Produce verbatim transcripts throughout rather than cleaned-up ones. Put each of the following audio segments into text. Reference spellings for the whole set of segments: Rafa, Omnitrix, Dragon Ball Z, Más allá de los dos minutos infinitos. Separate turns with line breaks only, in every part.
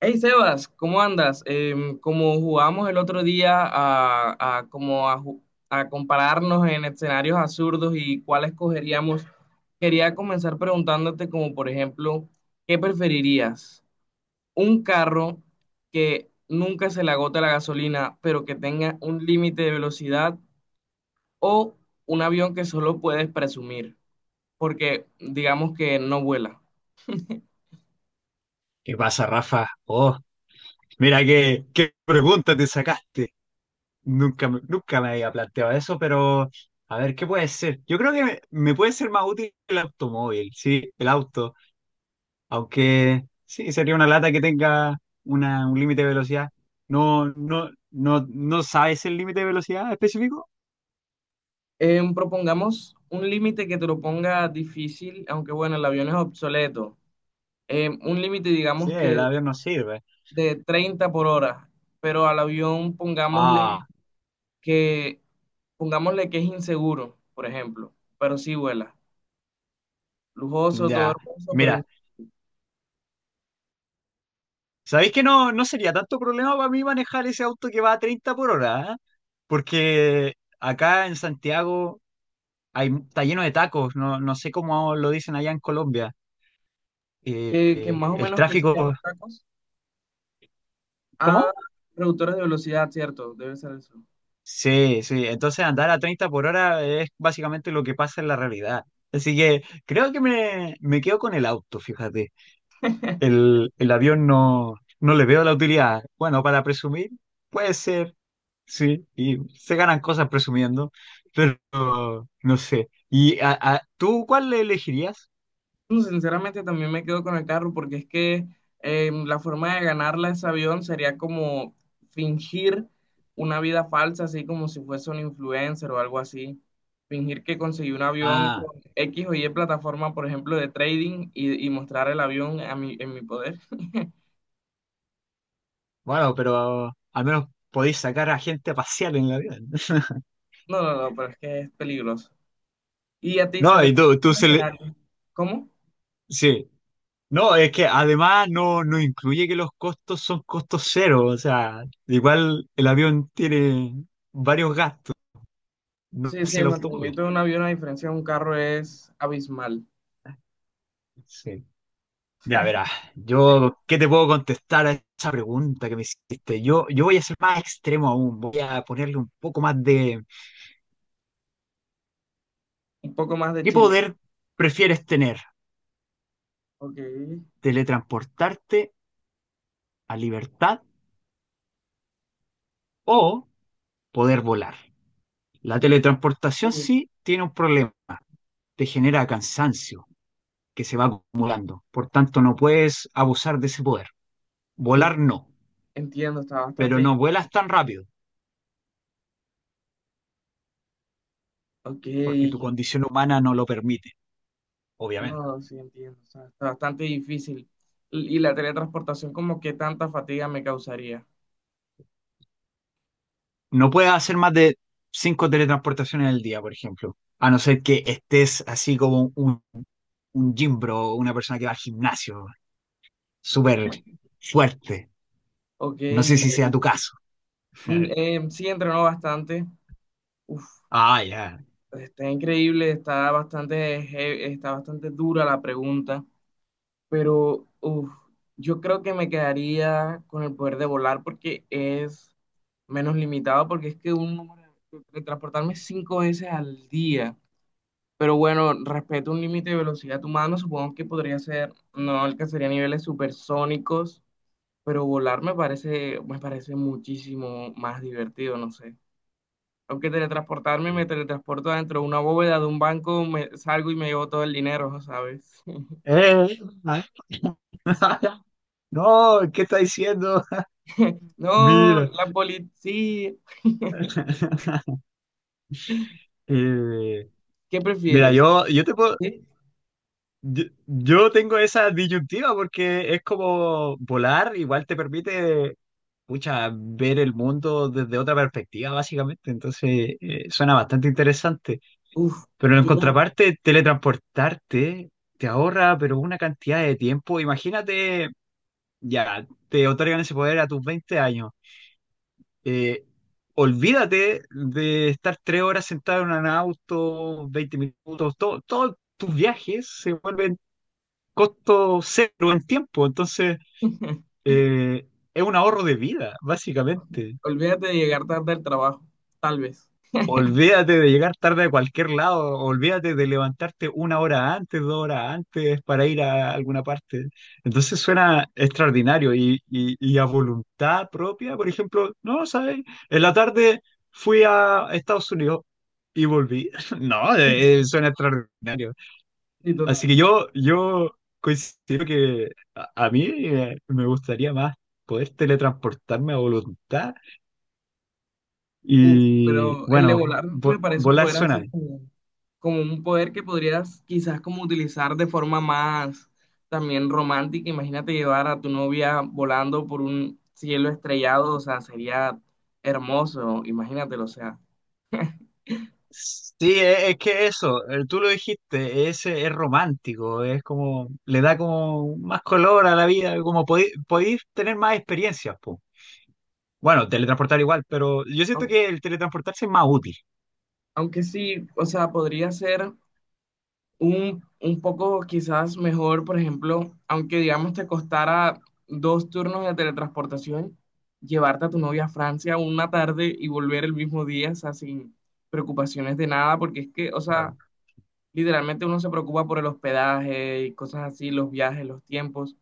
Hey Sebas, ¿cómo andas? Em, como jugamos el otro día a, a como a, ju- a compararnos en escenarios absurdos y cuál escogeríamos, quería comenzar preguntándote como por ejemplo, ¿qué preferirías? ¿Un carro que nunca se le agota la gasolina, pero que tenga un límite de velocidad o un avión que solo puedes presumir, porque digamos que no vuela?
¿Qué pasa, Rafa? Oh, mira qué, qué pregunta te sacaste. Nunca, me- nunca me había planteado eso, pero a ver, ¿qué puede ser? Yo creo que me, me puede ser más útil el automóvil, sí, el auto. Aunque sí, sería una lata que tenga una, un límite de velocidad. No, no, no, ¿no sabes el límite de velocidad específico?
Eh, propongamos un límite que te lo ponga difícil, aunque bueno, el avión es obsoleto. Eh, un límite,
Sí,
digamos
el
que
avión no sirve.
de treinta por hora, pero al avión pongámosle
Ah,
que, pongámosle que es inseguro, por ejemplo, pero sí vuela. Lujoso, todo
ya.
hermoso, pero
Mira,
in-
¿sabéis que no, no sería tanto problema para mí manejar ese auto que va a treinta por hora? ¿Ah? Porque acá en Santiago hay, está lleno de tacos, no, no sé cómo lo dicen allá en Colombia. Eh,
que, que
eh,
más o
el
menos que se llaman
tráfico,
tacos. Ah,
¿cómo?
reductores de velocidad, cierto, debe ser eso.
Sí, sí, entonces andar a treinta por hora es básicamente lo que pasa en la realidad. Así que creo que me, me quedo con el auto, fíjate. El, el avión no, no le veo la utilidad. Bueno, para presumir, puede ser, sí, y se ganan cosas presumiendo, pero no sé. ¿Y a, a- tú cuál le elegirías?
No, sinceramente también me quedo con el carro porque es que eh, la forma de ganarla ese avión sería como fingir una vida falsa, así como si fuese un influencer o algo así. Fingir que conseguí un avión
Ah,
con X o Y plataforma, por ejemplo, de trading y, y mostrar el avión a mi, en mi poder.
bueno, pero al menos podéis sacar a gente a pasear en el avión.
No, no, no, pero es que es peligroso. ¿Y a ti se
No,
te
y tú,
presenta
tú
un
se le...
escenario? ¿Cómo?
Sí. No, es que además no, no incluye que los costos son costos cero. O sea, igual el avión tiene varios gastos, no
Sí, sí,
así el
el
automóvil.
mantenimiento de un avión a diferencia de un carro es abismal.
Sí. Ya verás, yo, ¿qué te puedo contestar a esa pregunta que me hiciste? Yo, yo voy a ser más extremo aún, voy a ponerle un poco más de...
Un poco más de
¿Qué
Chile.
poder prefieres tener?
Ok.
¿Teletransportarte a libertad o poder volar? La teletransportación
Uf,
sí tiene un problema, te genera cansancio que se va acumulando, por tanto no puedes abusar de ese poder.
uf.
Volar no,
Entiendo, está
pero
bastante...
no vuelas tan rápido,
Ok,
porque tu condición humana no lo permite, obviamente.
no, sí entiendo, o sea, está bastante difícil. Y y la teletransportación como que tanta fatiga me causaría.
No puedes hacer más de cinco teletransportaciones al día, por ejemplo. A no ser que estés así como un, un gym bro, una persona que va al gimnasio, súper fuerte.
Ok,
No sé si sea tu
increíble.
caso.
Mm, eh, sí, entrenó bastante. Uf,
Ah, ya.
está increíble, está bastante, he- está bastante dura la pregunta, pero uf, yo creo que me quedaría con el poder de volar porque es menos limitado, porque es que un número, teletransportarme cinco veces al día. Pero bueno, respecto a un límite de velocidad humano, supongo que podría ser, no alcanzaría niveles supersónicos, pero volar me parece, me parece muchísimo más divertido, no sé. Aunque teletransportarme,
Eh,
me teletransporto dentro de una bóveda de un banco, me salgo y me llevo todo el dinero, ¿sabes?
eh, ah, no, ¿qué está diciendo?
No,
Mira.
la policía.
Eh,
¿Qué
mira,
prefieres?
yo, yo te puedo,
¿Sí?
Yo, yo tengo esa disyuntiva porque es como volar, igual te permite, pucha, ver el mundo desde otra perspectiva, básicamente. Entonces, eh, suena bastante interesante.
Uf,
Pero en
yo,
contraparte, teletransportarte te ahorra, pero una cantidad de tiempo. Imagínate, ya, te otorgan ese poder a tus veinte años. Eh, olvídate de estar tres horas sentado en un auto, veinte minutos, todo, todos tus viajes se vuelven costo cero en tiempo. Entonces, eh, es un ahorro de vida, básicamente.
olvídate de llegar tarde al trabajo, tal vez.
Olvídate de llegar tarde a cualquier lado, olvídate de levantarte una hora antes, dos horas antes para ir a alguna parte. Entonces suena extraordinario y, y- y a voluntad propia, por ejemplo, no, ¿sabes? En la tarde fui a Estados Unidos y volví. No, eh, suena extraordinario.
Sí,
Así
total.
que yo, yo coincido que a, a mí eh, me gustaría más poder teletransportarme a voluntad
Uf,
y
pero el de
bueno,
volar me
vo-
parece un
volar
poder
suena
así
bien.
como como un poder que podrías quizás como utilizar de forma más también romántica. Imagínate llevar a tu novia volando por un cielo estrellado, o sea, sería hermoso, imagínatelo, o sea.
Sí, e- es, que eso, eh, tú lo dijiste, es, es romántico, es como, le da como más color a la vida, como podí- podéis tener más experiencias, po. Bueno, teletransportar igual, pero yo siento
Au-
que el teletransportarse es más útil.
Aunque sí, o sea, podría ser un, un poco quizás mejor, por ejemplo, aunque digamos te costara dos turnos de teletransportación, llevarte a tu novia a Francia una tarde y volver el mismo día, o sea, sin preocupaciones de nada, porque es que, o
Claro.
sea, literalmente uno se preocupa por el hospedaje y cosas así, los viajes, los tiempos.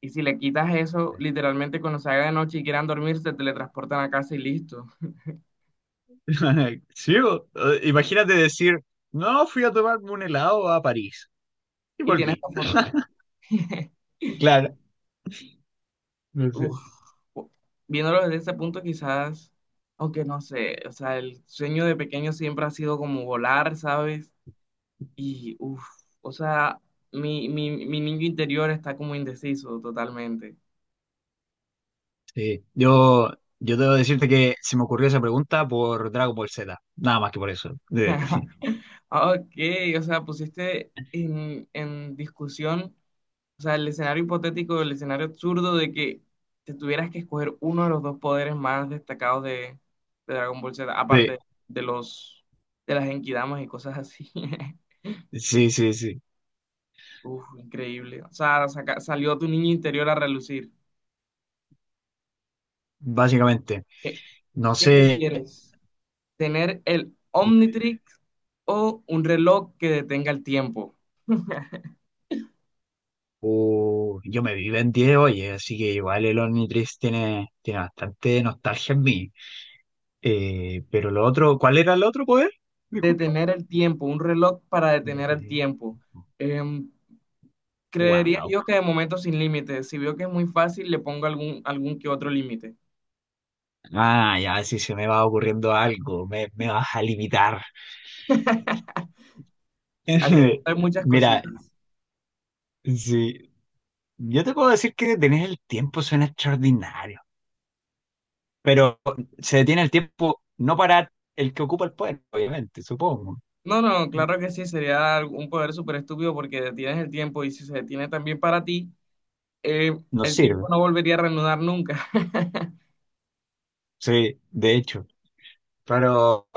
Y si le quitas eso, literalmente cuando se haga de noche y quieran dormir, se teletransportan a casa y listo.
Sí, bo. Eh, imagínate decir, no, fui a tomarme un helado a París y
Y tienes
volví.
la foto.
Claro, no sé.
Uf. Viéndolo desde ese punto, quizás, aunque no sé, o sea, el sueño de pequeño siempre ha sido como volar, ¿sabes? Y, uff, o sea, mi, mi, mi niño interior está como indeciso totalmente.
Sí, yo, yo debo decirte que se me ocurrió esa pregunta por Dragon Ball Z, nada más que por eso. De-
Ok, o sea, pusiste en, en discusión, o sea, el escenario hipotético, el escenario absurdo de que te tuvieras que escoger uno de los dos poderes más destacados de, de Dragon Ball Z,
de-
aparte de los de las Genkidamas y cosas así.
sí, sí, sí,
Uf, increíble. O sea, saca- salió tu niño interior a relucir.
básicamente.
¿Qué,
No
qué
sé,
prefieres? ¿Tener el
dime.
Omnitrix o un reloj que detenga el tiempo?
Uh, yo me vivo en diez, oye, así que igual el Omnitrix tiene, tiene bastante nostalgia en mí. Eh, pero lo otro, ¿cuál era el otro poder? Disculpa.
Detener el tiempo, un reloj para detener el
Detener.
tiempo. Em, Creería
Wow.
yo que de momento sin límites. Si veo que es muy fácil, le pongo algún, algún que otro límite.
Ah, ya, si se me va ocurriendo algo, me, me vas a limitar.
Así hay muchas
Mira,
cositas.
sí, yo te puedo decir que detener el tiempo suena extraordinario, pero se detiene el tiempo no para el que ocupa el poder, obviamente, supongo.
No, no, claro que sí, sería un poder súper estúpido porque detienes el tiempo y si se detiene también para ti, eh,
No
el tiempo
sirve,
no volvería a reanudar nunca.
sí, de hecho. Pero,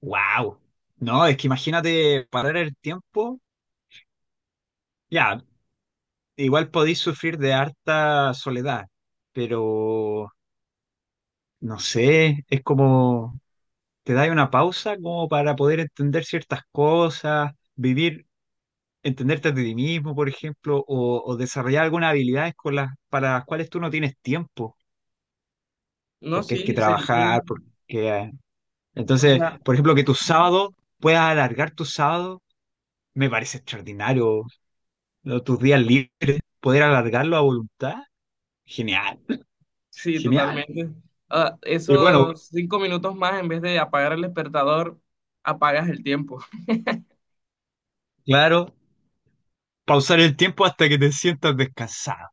wow. No, es que imagínate parar el tiempo, ya, igual podéis sufrir de harta soledad, pero no sé, es como, te dais una pausa como para poder entender ciertas cosas, vivir, entenderte de ti mismo, por ejemplo, o, o desarrollar algunas habilidades con las, para las cuales tú no tienes tiempo,
No,
porque hay que
sí, sería,
trabajar, porque... eh,
o
entonces,
sea,
por ejemplo, que tus sábados, puedas alargar tus sábados, me parece extraordinario, ¿no? Tus días libres, poder alargarlo a voluntad, genial,
sí,
genial.
totalmente. Ah,
Y bueno,
esos cinco minutos más, en vez de apagar el despertador, apagas el tiempo.
claro, pausar el tiempo hasta que te sientas descansado.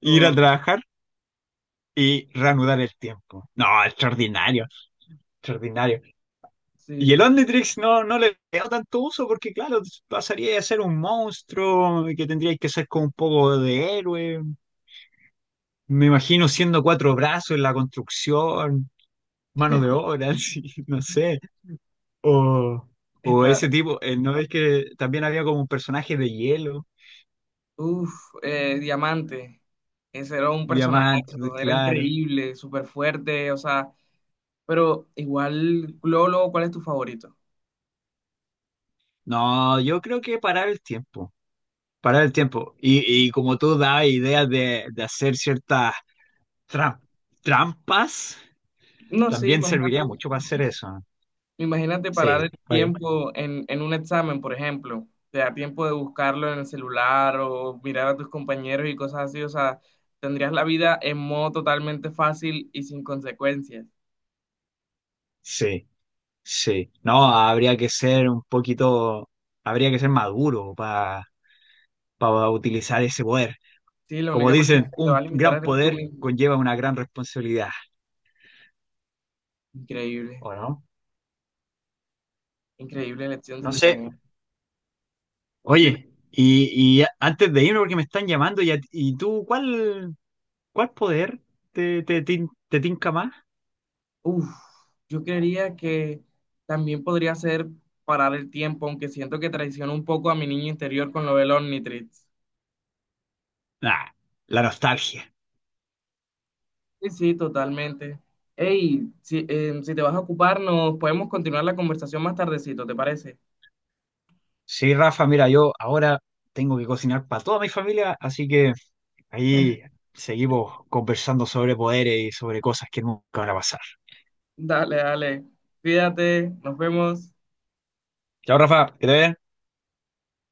Ir a
Oh.
trabajar y reanudar el tiempo. No, extraordinario, extraordinario. Y el
Sí,
Omnitrix no, no le veo tanto uso porque, claro, pasaría a ser un monstruo que tendría que ser como un poco de héroe. Me imagino siendo cuatro brazos en la construcción, mano de obra, así, no sé. O, o ese
está,
tipo, eh, ¿no es que también había como un personaje de hielo,
uff, Diamante, ese era un personaje,
diamante,
era
claro?
increíble, súper fuerte, o sea, pero igual, Lolo, ¿cuál es tu favorito?
No, yo creo que parar el tiempo, parar el tiempo. Y, y como tú dabas ideas de, de hacer ciertas Tra- trampas
No, sí,
también serviría
imagínate,
mucho para hacer eso. ¿No?
imagínate parar
Sí,
el
ok,
tiempo en, en un examen, por ejemplo, te da tiempo de buscarlo en el celular o mirar a tus compañeros y cosas así, o sea, tendrías la vida en modo totalmente fácil y sin consecuencias.
sí, sí. No, habría que ser un poquito, habría que ser maduro para, para utilizar ese poder.
Sí, la
Como
única persona
dicen,
que te va a
un
limitar
gran
eres tú
poder
mismo.
conlleva una gran responsabilidad,
Increíble,
¿o no?
increíble elección,
No sé.
sinceramente. Dime-
Oye, y, y antes de irme, porque me están llamando, ¿y, a- y tú cuál, cuál poder te, te, tin- te tinca más?
Uf, yo creería que también podría ser parar el tiempo, aunque siento que traiciono un poco a mi niño interior con lo del Omnitrix.
Ah, la nostalgia.
Sí, sí, totalmente. Hey, si, eh, si te vas a ocupar, nos podemos continuar la conversación más tardecito, ¿te parece?
Sí, Rafa, mira, yo ahora tengo que cocinar para toda mi familia, así que ahí seguimos conversando sobre poderes y sobre cosas que nunca van a pasar.
Dale, dale. Cuídate, nos vemos.
Chao, Rafa, que te vaya bien.